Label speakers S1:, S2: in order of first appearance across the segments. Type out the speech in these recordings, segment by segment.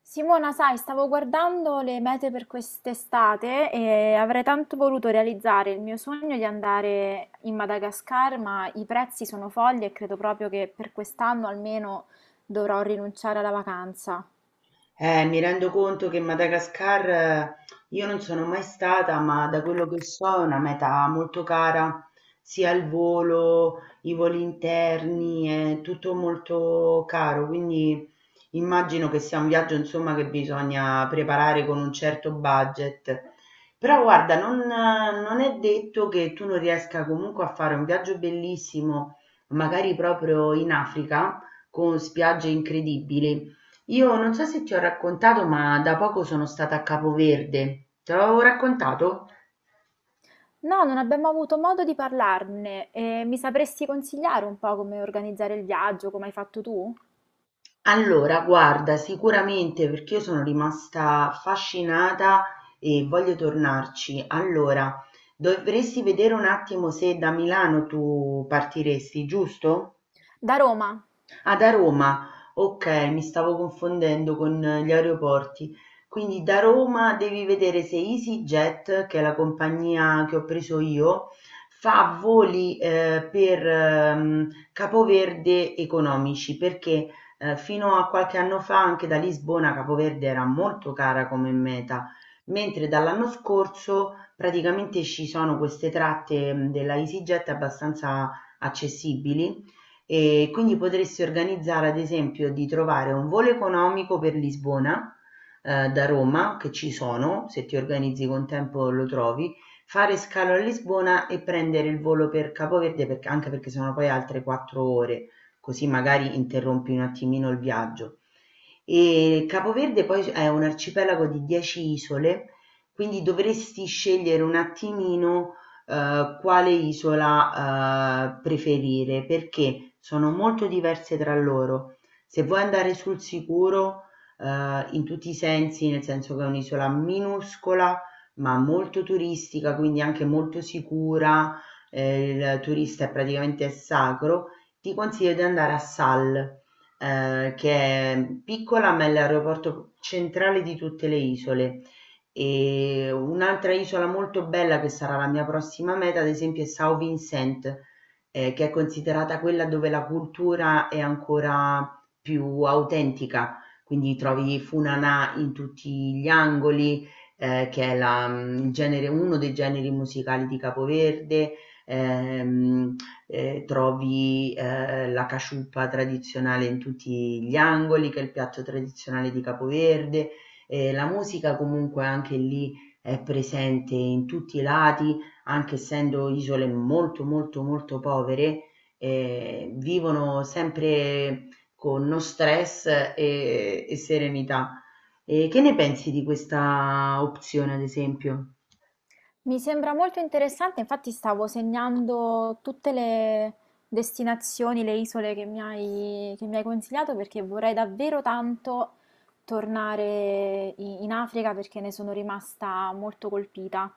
S1: Simona, sai, stavo guardando le mete per quest'estate e avrei tanto voluto realizzare il mio sogno di andare in Madagascar, ma i prezzi sono folli e credo proprio che per quest'anno almeno dovrò rinunciare alla vacanza.
S2: Mi rendo conto che Madagascar io non sono mai stata, ma da quello che so è una meta molto cara, sia il volo, i voli interni, è tutto molto caro, quindi immagino che sia un viaggio, insomma, che bisogna preparare con un certo budget. Però guarda, non è detto che tu non riesca comunque a fare un viaggio bellissimo, magari proprio in Africa, con spiagge incredibili. Io non so se ti ho raccontato, ma da poco sono stata a Capoverde. Te l'avevo raccontato?
S1: No, non abbiamo avuto modo di parlarne e mi sapresti consigliare un po' come organizzare il viaggio, come hai fatto tu?
S2: Allora, guarda, sicuramente perché io sono rimasta affascinata e voglio tornarci. Allora, dovresti vedere un attimo se da Milano tu partiresti, giusto?
S1: Da Roma.
S2: Ah, da Roma. Ok, mi stavo confondendo con gli aeroporti. Quindi da Roma devi vedere se EasyJet, che è la compagnia che ho preso io, fa voli per Capoverde economici, perché fino a qualche anno fa anche da Lisbona Capoverde era molto cara come meta, mentre dall'anno scorso praticamente ci sono queste tratte della EasyJet abbastanza accessibili e quindi potresti organizzare, ad esempio, di trovare un volo economico per Lisbona, da Roma, che ci sono, se ti organizzi con tempo lo trovi, fare scalo a Lisbona e prendere il volo per Capoverde, perché, anche perché sono poi altre quattro ore, così magari interrompi un attimino il viaggio. E Capoverde poi è un arcipelago di 10 isole, quindi dovresti scegliere un attimino quale isola preferire perché sono molto diverse tra loro. Se vuoi andare sul sicuro in tutti i sensi, nel senso che è un'isola minuscola ma molto turistica, quindi anche molto sicura, il turista è praticamente sacro, ti consiglio di andare a Sal, che è piccola ma è l'aeroporto centrale di tutte le isole. E un'altra isola molto bella che sarà la mia prossima meta, ad esempio, è São Vincent, che è considerata quella dove la cultura è ancora più autentica, quindi trovi Funanà in tutti gli angoli, che è la- mm, il uno dei generi musicali di Capoverde, ehm, trovi la casciuppa tradizionale in tutti gli angoli, che è il piatto tradizionale di Capoverde, la musica comunque anche lì è presente in tutti i lati, anche essendo isole molto molto molto povere, vivono sempre con no stress e serenità. Che ne pensi di questa opzione, ad esempio?
S1: Mi sembra molto interessante, infatti stavo segnando tutte le destinazioni, le isole che mi hai consigliato perché vorrei davvero tanto tornare in Africa perché ne sono rimasta molto colpita.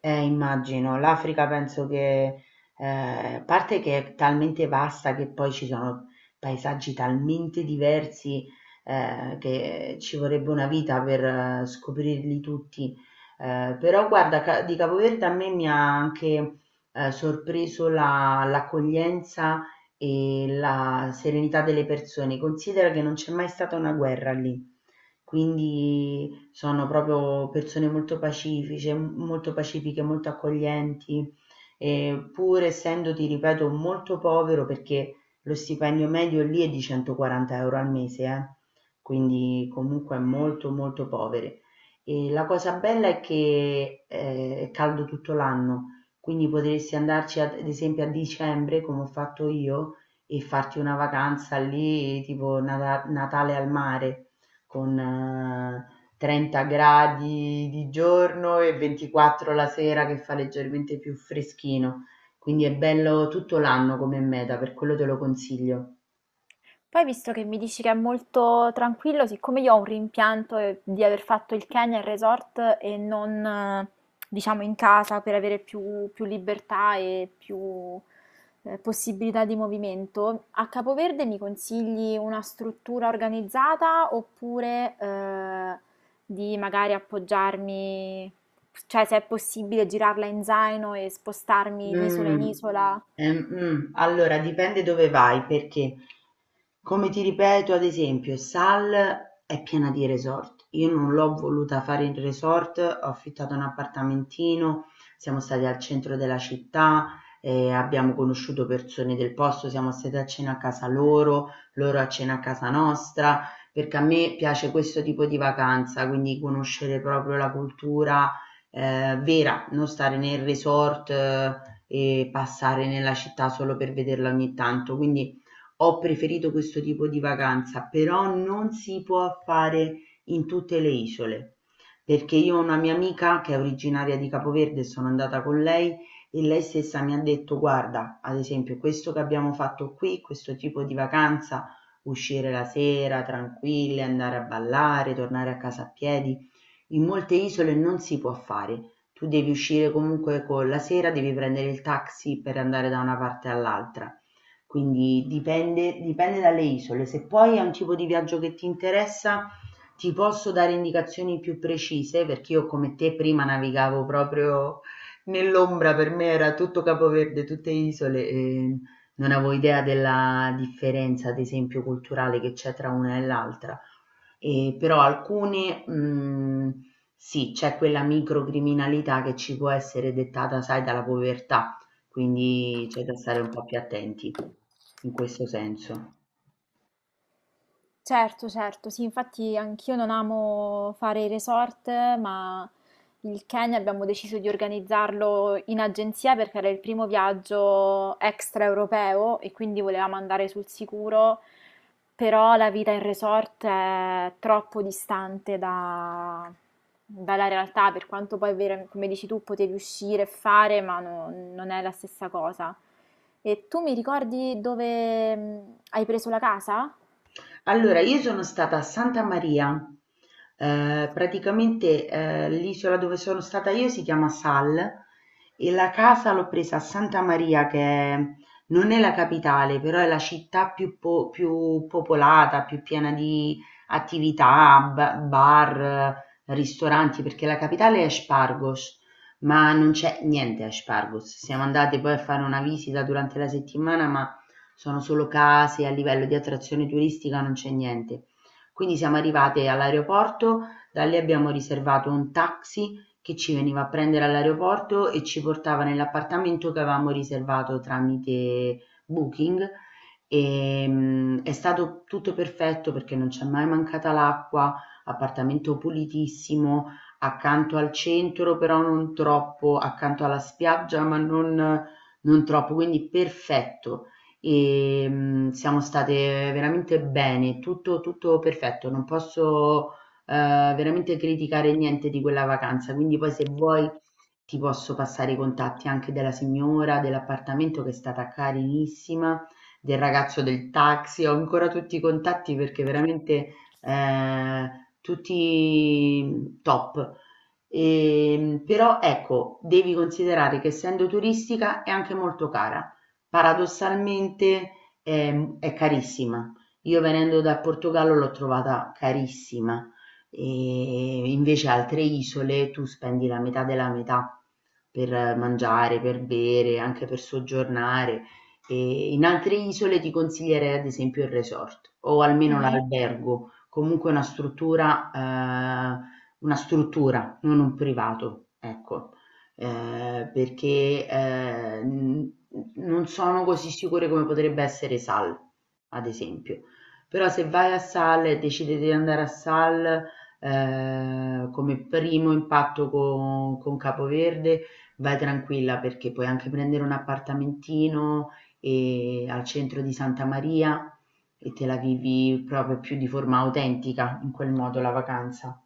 S2: Immagino. L'Africa penso che, a parte che è talmente vasta che poi ci sono paesaggi talmente diversi, che ci vorrebbe una vita per scoprirli tutti. Però guarda, di Capoverde a me mi ha anche, sorpreso l'accoglienza e la serenità delle persone. Considera che non c'è mai stata una guerra lì. Quindi sono proprio persone molto pacifiche, molto pacifiche, molto accoglienti, e pur essendo, ti ripeto, molto povero perché lo stipendio medio lì è di 140 euro al mese, quindi comunque molto molto poveri. E la cosa bella è che è caldo tutto l'anno, quindi potresti andarci ad esempio a dicembre, come ho fatto io, e farti una vacanza lì, tipo Natale al mare con 30 gradi di giorno e 24 la sera che fa leggermente più freschino, quindi è bello tutto l'anno come meta, per quello te lo consiglio.
S1: Poi visto che mi dici che è molto tranquillo, siccome io ho un rimpianto di aver fatto il Kenya in resort e non, diciamo, in casa per avere più libertà e più possibilità di movimento, a Capoverde mi consigli una struttura organizzata oppure di magari appoggiarmi, cioè se è possibile girarla in zaino e spostarmi di isola in
S2: Mhmm,
S1: isola?
S2: allora dipende dove vai, perché come ti ripeto, ad esempio, Sal è piena di resort. Io non l'ho voluta fare in resort, ho affittato un appartamentino, siamo stati al centro della città, abbiamo conosciuto persone del posto, siamo stati a cena a casa loro, loro a cena a casa nostra, perché a me piace questo tipo di vacanza, quindi conoscere proprio la cultura vera, non stare nel resort e passare nella città solo per vederla ogni tanto. Quindi ho preferito questo tipo di vacanza, però non si può fare in tutte le isole, perché io ho una mia amica che è originaria di Capoverde, sono andata con lei e lei stessa mi ha detto, guarda, ad esempio, questo che abbiamo fatto qui, questo tipo di vacanza, uscire la sera tranquille, andare a ballare, tornare a casa a piedi, in molte isole non si può fare, tu devi uscire comunque con la sera, devi prendere il taxi per andare da una parte all'altra, quindi dipende, dipende dalle isole. Se poi è un tipo di viaggio che ti interessa, ti posso dare indicazioni più precise, perché io come te prima navigavo proprio nell'ombra, per me era tutto Capoverde, tutte isole, e non avevo idea della differenza, ad esempio, culturale che c'è tra una e l'altra. E però alcune, mhmm, sì, c'è quella microcriminalità che ci può essere dettata, sai, dalla povertà, quindi c'è da stare un po' più attenti in questo senso.
S1: Certo, certo, sì, infatti anch'io non amo fare i resort, ma il Kenya abbiamo deciso di organizzarlo in agenzia perché era il primo viaggio extraeuropeo e quindi volevamo andare sul sicuro, però la vita in resort è troppo distante dalla realtà, per quanto poi, come dici tu, potevi uscire e fare, ma non è la stessa cosa. E tu mi ricordi dove hai preso la casa?
S2: Allora, io sono stata a Santa Maria, l'isola dove sono stata io si chiama Sal e la casa l'ho presa a Santa Maria non è la capitale, però è la città più, più popolata, più piena di attività, bar, ristoranti, perché la capitale è Spargos, ma non c'è niente a Spargos. Siamo andate poi a fare una visita durante la settimana, ma sono solo case, a livello di attrazione turistica non c'è niente. Quindi siamo arrivate all'aeroporto, da lì abbiamo riservato un taxi che ci veniva a prendere all'aeroporto e ci portava nell'appartamento che avevamo riservato tramite Booking. È stato tutto perfetto perché non c'è mai mancata l'acqua, appartamento pulitissimo, accanto al centro, però non troppo, accanto alla spiaggia, non troppo, quindi perfetto. Siamo state veramente bene, tutto perfetto, non posso, veramente criticare niente di quella vacanza, quindi poi se vuoi ti posso passare i contatti anche della signora dell'appartamento che è stata carinissima, del ragazzo del taxi, ho ancora tutti i contatti perché veramente, ehm, tutti top. Però ecco, devi considerare che essendo turistica è anche molto cara paradossalmente, è carissima. Io venendo dal Portogallo l'ho trovata carissima e invece altre isole tu spendi la metà della metà per mangiare, per bere, anche per soggiornare. E in altre isole ti consiglierei ad esempio il resort o almeno
S1: Mhm.
S2: l'albergo, comunque una struttura, una struttura, non un privato, ecco, perché, n non sono così sicure come potrebbe essere Sal, ad esempio. Però se vai a Sal e decidi di andare a Sal, come primo impatto con Capoverde, vai tranquilla perché puoi anche prendere un appartamentino, al centro di Santa Maria e te la vivi proprio più di forma autentica in quel modo la vacanza.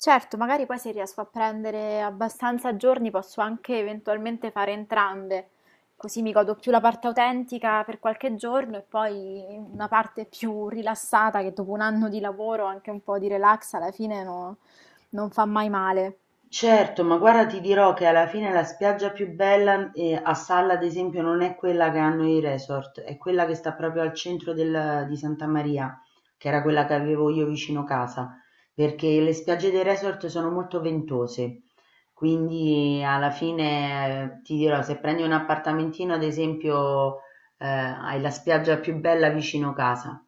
S1: Certo, magari poi se riesco a prendere abbastanza giorni posso anche eventualmente fare entrambe, così mi godo più la parte autentica per qualche giorno e poi una parte più rilassata che dopo un anno di lavoro, anche un po' di relax alla fine non fa mai male.
S2: Certo, ma guarda ti dirò che alla fine la spiaggia più bella, a Salla ad esempio non è quella che hanno i resort, è quella che sta proprio al centro del di Santa Maria, che era quella che avevo io vicino casa, perché le spiagge dei resort sono molto ventose. Quindi alla fine, ti dirò, se prendi un appartamentino ad esempio hai la spiaggia più bella vicino casa.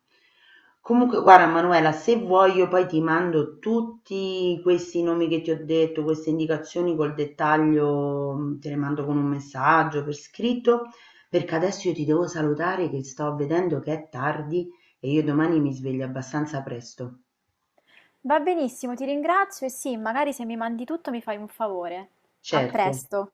S2: Comunque, guarda Manuela, se vuoi io poi ti mando tutti questi nomi che ti ho detto, queste indicazioni col dettaglio, te le mando con un messaggio per scritto, perché adesso io ti devo salutare che sto vedendo che è tardi e io domani mi sveglio abbastanza presto.
S1: Va benissimo, ti ringrazio e sì, magari se mi mandi tutto mi fai un favore. A
S2: Certo.
S1: presto.